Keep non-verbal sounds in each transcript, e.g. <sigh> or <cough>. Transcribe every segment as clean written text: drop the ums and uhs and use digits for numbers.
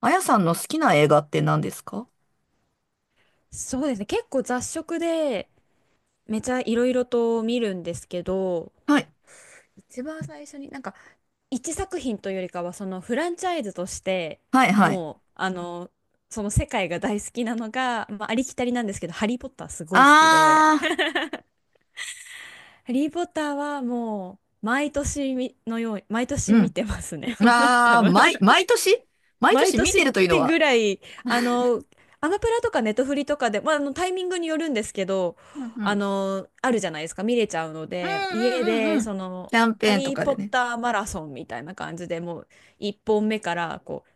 あやさんの好きな映画って何ですか？そうですね。結構雑食で、めちゃいろいろと見るんですけど、はい。一番最初になんか、一作品というよりかは、そのフランチャイズとして、はいはい。もう、その世界が大好きなのが、まあ、ありきたりなんですけど、ハリー・ポッターすごい好きで、あハリー・ポッターはもう、毎年みのように、毎ー、年見てますね、<laughs> うん。もう多あー、分。毎年毎毎年見年てっるというのては。ぐらい、あの、アマプラとかネトフリとかで、まあ、あのタイミングによるんですけど、うんうん。あるじゃないですか、見れちゃうのうんで、家うんうんうで、ん。その、キャンハペーンとリー・かポでッね。ターマラソンみたいな感じでもう、1本目から、こう、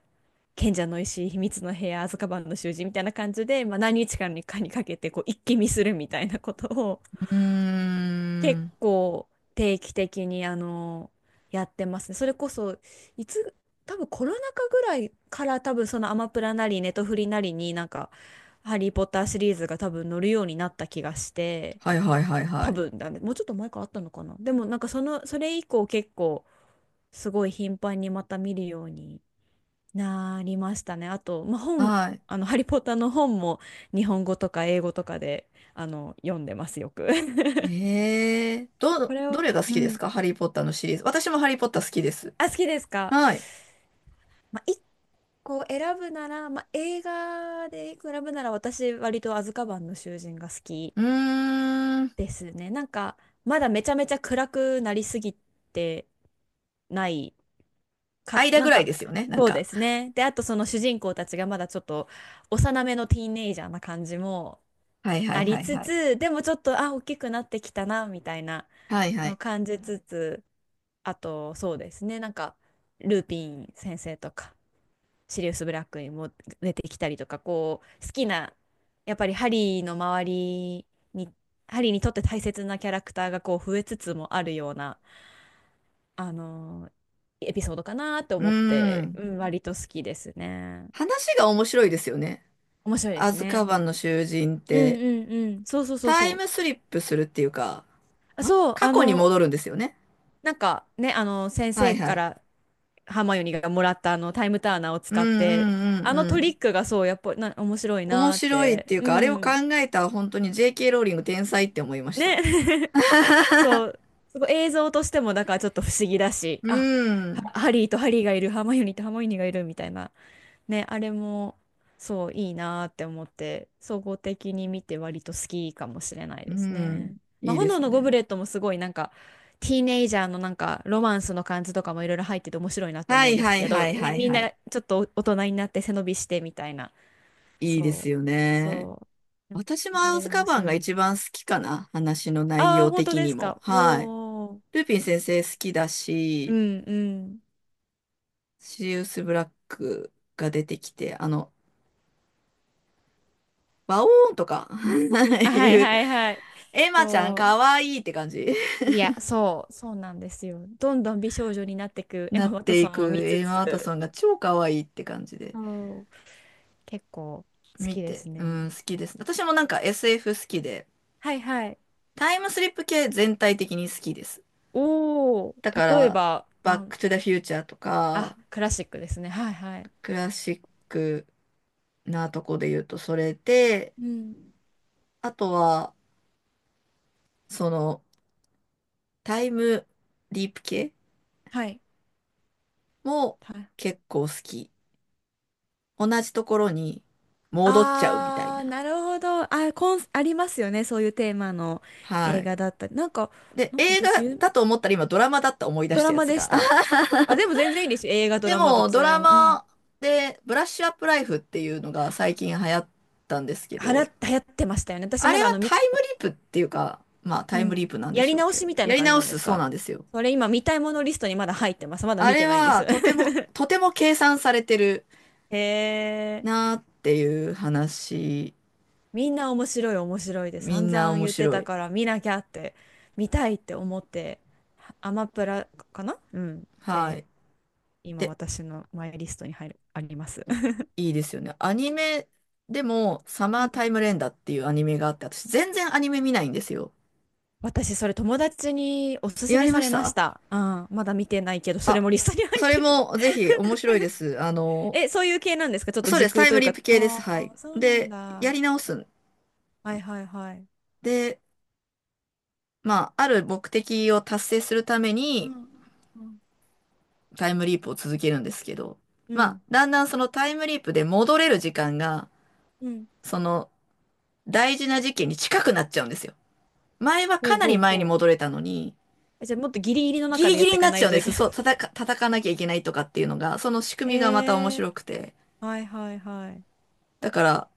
賢者の石、秘密の部屋、アズカバンの囚人みたいな感じで、まあ、何日間にかにかけて、こう、一気見するみたいなことを、う結ーん。構定期的にやってますね。それこそいつ多分コロナ禍ぐらいから多分そのアマプラなりねネトフリなりになんか「ハリー・ポッター」シリーズが多分乗るようになった気がしてはいはいはいは多い。分だねもうちょっと前からあったのかな。でもなんかそのそれ以降結構すごい頻繁にまた見るようになりましたね。あと、まあ、本はい。あの「ハリー・ポッター」の本も日本語とか英語とかで読んでますよく。<laughs> これどを、れが好うきですん。か？ハリー・ポッターのシリーズ。私もハリー・ポッター好きです。あ、好きですか。はい。まあ、一個選ぶなら、まあ、映画で一個選ぶなら、私、割とアズカバンの囚人が好きうーん。ですね。なんか、まだめちゃめちゃ暗くなりすぎてないか、間なぐんらいか、ですよね。なんそうでか。すね。で、あとその主人公たちがまだちょっと幼めのティーンエイジャーな感じもはいはあいりはいつはい。つ、でもちょっと、あ、大きくなってきたな、みたいなはいはのをい。感じつつ、あと、そうですね。なんか、ルーピン先生とか。シリウス・ブラックにも出てきたりとかこう好きな、やっぱりハリーの周りにハリーにとって大切なキャラクターがこう増えつつもあるような、あのーエピソードかなとう思っーて、ん。うん、割と好きですね。話が面白いですよね。面白いでアすズカね。バンの囚人っうんて、うんうん。そうそうそうタイそう。ムスリップするっていうか、あ、そう、過去に戻るんですよね。なんかね、先はい生はかい。らハーマイオニーがもらったあのタイムターナーをうん使っうて、んうんあのうトリん。ックがそう、やっぱりな面白い面なーっ白いって。ていううか、あれを考ん。えた本当に JK ローリング天才って思いました。ね。<laughs> そ <laughs> う、すごい映像としてもだからちょっと不思議だし、うあ、ん。ハリーとハリーがいる、ハーマイオニーとハーマイオニーがいるみたいな、ね、あれもそういいなーって思って、総合的に見て割と好きかもしれないうですん。ね。まいあ、いで炎すのゴブね。レットもすごいなんか、ティーネイジャーのなんかロマンスの感じとかもいろいろ入ってて面白いなとは思ういんですはいけど、はいね、はいみんはない。ちょっと大人になって背伸びしてみたいな。いいですそよう、ね。そう。私もあアれズでカ面バン白いがな。一番好きかな。話の内ああ、容本当的でにすも。か。おはい。お。ルピン先生好きだうし、んうん。シリウス・ブラックが出てきて、バオーンとか <laughs> あ、はいいう、はいはい。エマちゃんかそわいいって感じ <laughs> う。いや、そうなんですよ。どんどん美少女になってく <laughs> エなマ・っワトてソいンをく見つエマ・ワトつ、ソンが超かわいいって感じでそう、結構好見きでて、すうね。ん、好きです。私もなんか SF 好きで、はいはい。タイムスリップ系全体的に好きです。おだかー、例えら、ば、バック・トゥ・ザ・フューチャーとか、あ、クラシックですね。はいはい。クラシックなとこで言うとそれで、うん。あとは、その、タイムリープ系はい。もはい。結構好き。同じところに戻っちゃうみたいあな。ー、なるほど。あ、ありますよね。そういうテーマのは映い。画だったり。なんか、で、なんか映画私、だと思ったら今ドラマだった思い出ドしたラやマつでしが。た。<laughs> あ、でも全然いいですよ。映画、ドでラマ、ども、ちドらでラも。うん。マでブラッシュアップライフっていうのが最近流行ったんですけはら、ど、流行ってましたよね。私あれまだあはの、タイムリープっていうか、まあうタイムリーん、プなんでやしりょう直けしど、みたいやなり感じ直なんですすそうか。なんですよ。それ今見たいものリストにまだ入ってます。まだあ見れてないんではす。とても、と <laughs> ても計算されてるへえ、なーっていう話、みんな面白い面白いでみ散んな々面言って白たい。から見なきゃって、見たいって思って、アマプラかな、うん。はで、い。今で私のマイリストに入る、あります。いいですよね。アニメでも、サ <laughs> マうーん、タイム連打っていうアニメがあって、私全然アニメ見ないんですよ。私それ友達におすすやめりさましれましたた。うん、まだ見てないけど、それあ、もリストに入っそれてる。もぜひ面白いです。あの、え、そういう系なんですか。ちょっとそう時です。タ空イとムいうリか。ープ系です。はあい。あ、そうなんで、やだ。り直すんはいはいはい。で、まあ、ある目的を達成するためうにんうんタイムリープを続けるんですけど、うまあ、ん。だんだんそのタイムリープで戻れる時間が、うん。その大事な事件に近くなっちゃうんですよ。前はほかうなりほう前ほに戻う。れたのに、え、じゃあもっとギリギリのギ中リでギやっリてにいなかっなちゃいうんとでいけす。ない。そう、叩かなきゃいけないとかっていうのが、その仕 <laughs> え組みがまた面ー。白くて。はいはいはい。だから、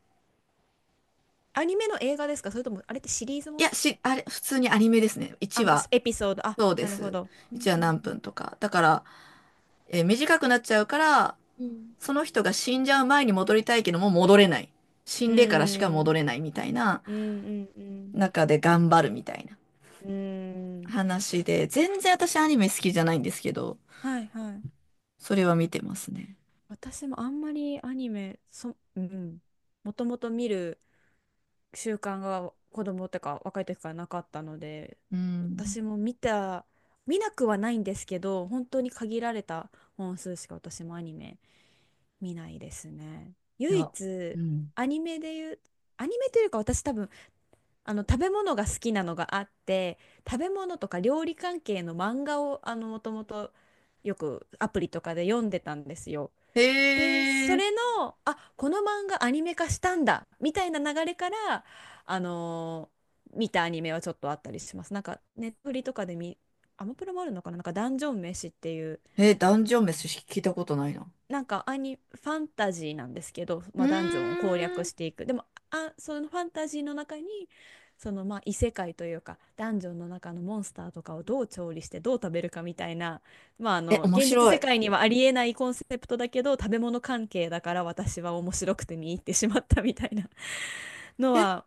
アニメの映画ですか、それとも、あれってシリーズいもや、の。あれ、普通にアニメですね。あ、1もう話、エピソード。あ、そうでなるほす。ど。う1ん話うん何うん。分とか。だから、短くなっちゃうから、うんその人が死んじゃう前に戻りたいけども戻れない。死うんでからしか戻ん。れないみたいなうんうん中で頑張るみたいなうん。うん。話で、全然私アニメ好きじゃないんですけど、はいはい。それは見てますね。私もあんまりアニメ、うん。もともと見る習慣が子供ってか若い時からなかったので、うん。私も見た見なくはないんですけど、本当に限られた本数しか私もアニメ見ないですね。い唯や、一、うん。アニメで言うアニメというか、私多分、あの食べ物が好きなのがあって、食べ物とか料理関係の漫画をあのもともとよくアプリとかで読んでたんですよ。へで、そえ。れの、あ、この漫画アニメ化したんだ、みたいな流れから、あのー見たアニメはちょっとあったりします。なんか、ネットフリとかで見、アマプラもあるのかな、なんか、ダンジョン飯っていう、え、ダンジョン飯聞いたことないな。なんかアニ、ファンタジーなんですけど、うまあ、ダンジョンを攻ー略ん。していく。でも、あ、そのファンタジーの中に、そのまあ異世界というか、ダンジョンの中のモンスターとかをどう調理してどう食べるかみたいな、まああえ、の、面現実白世い。界にはありえないコンセプトだけど、食べ物関係だから私は面白くて見入ってしまったみたいなのえ、は、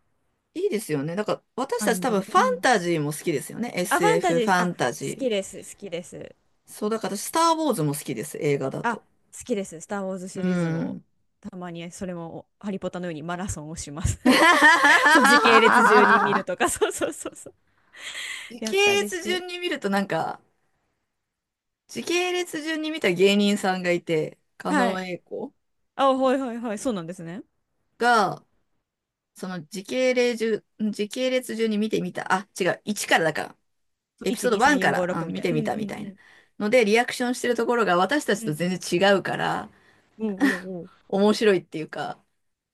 いいですよね。だから、私アたちニ多メ分で。ファうンん。タジーも好きですよね。あ、ファンタ SF ジフー、ァあ、ンタジー。好きです。そう、だから私、スター・ウォーズも好きです。映画だあ、と。好きです。スター・ウォーズシうリーズも、ん。たまにそれも、ハリポタのようにマラソンをします。<laughs> そう、時系列順に見 <laughs> るとか、<laughs> そうそうそうそう。時やっ系たりし列て。順に見るとなんか、時系列順に見た芸人さんがいて、狩は野い。英孝あ、はいはいはい。そうなんですね。が、その時系列時系列順に見てみた。あ、違う。1からだから。そう、エピ1、ソード2、3、1か4、5、ら、6うん、み見たいてな。うみんうたみたいな。んので、リアクションしてるところが私たうちん。うとん。全然違うから、うんうんうん。面白いっていうか、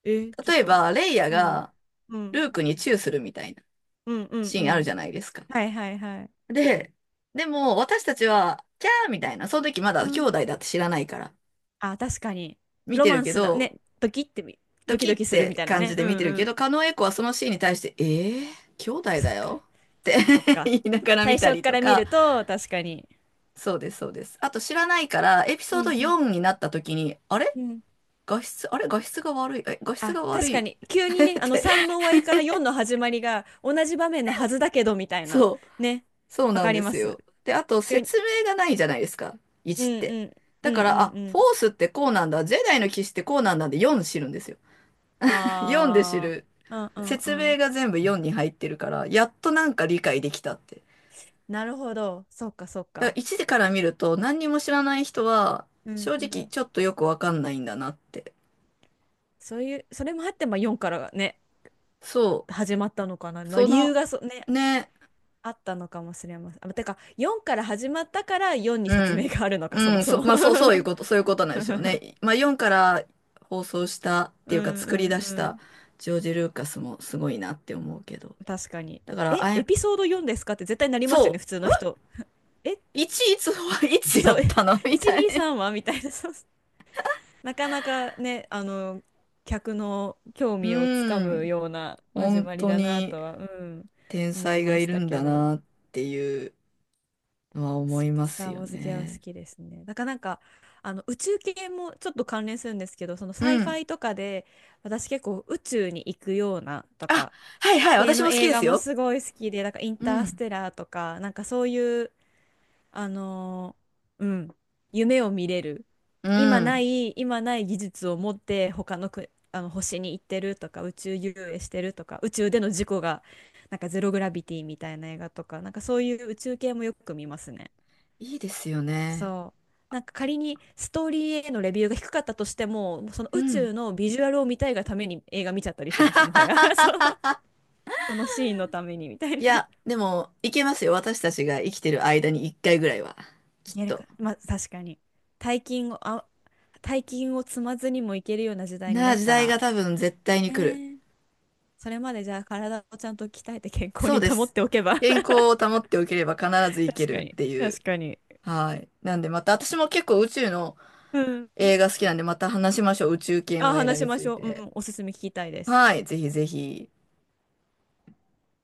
えー、ちょっ例えと。ば、レイヤうん。がうルん。ークにチューするみたいなうんうんシうーンあるじん。ゃないですか。はいはいはい。で、でも私たちは、キャーみたいな、その時まうだ兄ん。弟だって知らないから、あ、確かに。見ロてマるンけスだど、ね。ドドキキドっキするみてたいな感ね。じでうん見てるうけん。ど、狩野英孝はそのシーンに対して、えー、兄弟そだっか。よっそて っかそっ <laughs> か。言いながら最見た初りかとら見か、ると、確かに。そうです、そうです。あと知らないから、エピうソードんうん。4になった時に、うん、あれ画質が悪い、え、画質あ、が悪確い かに、急 <laughs> にっね、あのて、3の終わりから4の始まりが同じ場面のはずだけど、みたいな。そう、ね。そうわなんかりでますす。よ。で、あと急に。説明がないじゃないですか、う1っんて。うん。うだんかうら、あ、んうん。フォースってこうなんだ、ジェダイの騎士ってこうなんだで4知るんですよ。<laughs> 4で知ああ。る。うんうんう説明ん。が全部4に入ってるから、やっとなんか理解できたって。なるほど。そっかそっだかか。ら1でから見ると何にも知らない人は、うん正う直ん。ちょっとよくわかんないんだなって。そういう、それもあって、まあ4からね、そ始まったのかな。う。まあそ理由の、がね、ね、あったのかもしれません。あ、てか、4から始まったから4にう説明ん。があるのか、そうもん、そそう、も。まあ、そう、そういうこ <laughs> と、そういうことなんですよね。まあ、4から放送したってういうか、んう作りん出うしたん。ジョージ・ルーカスもすごいなって思うけど。確かに。だから、え、エピソード4ですかって絶対なりますよそね、普通の人。え、う、いちいつはいつやそう、<laughs> っえ、たのみたいな。<laughs> 123はみたいな。そう。 <laughs> なかなかね、あの、客の興味をつかうむん、ような始本まり当だなにとは、うん、天思い才がまいしるたんけだど、なっていうのは思いまスすター・よウォーズ系は好ね。きですね。だからなんか、あの、宇宙系もちょっと関連するんですけど、そのサうイフん。ァイとかで、私結構宇宙に行くようなとあ、か、はいはい、系私のも好き映で画すもよ。すごい好きで、なんかインうタースん。テラーとか、なんかそういうあのーうん、夢を見れる。うん。今ない技術を持って他のく、あの星に行ってるとか、宇宙遊泳してるとか、宇宙での事故が、なんかゼログラビティみたいな映画とか、なんかそういう宇宙系もよく見ますね。いいですよね。そう。なんか仮にストーリーへのレビューが低かったとしても、もうそのう宇ん。宙のビジュアルを見たいがために映画見ちゃったりします、もはや。<laughs> <laughs> そう。そのシーンのためにみたいいな。や、でも、いけますよ。私たちが生きてる間に一回ぐらいは。いきっけると。か。まあ、確かに。大金を、あ、大金を積まずにもいけるような時代にななあ、っ時た代ら、が多分絶対にえ来る。ー、それまでじゃあ体をちゃんと鍛えて健康そにうで保っす。ておけば 健康 <laughs> を保っておければ必ず行け確かるっに。て <laughs> い確う。かに。はい。なんでまた、私も結構宇宙のう映ん。画好きなんで、また話しましょう。宇宙系あ、の映画話しにまつしいょう。うて。ん、おすすめ聞きたいです。はい。ぜひぜひ。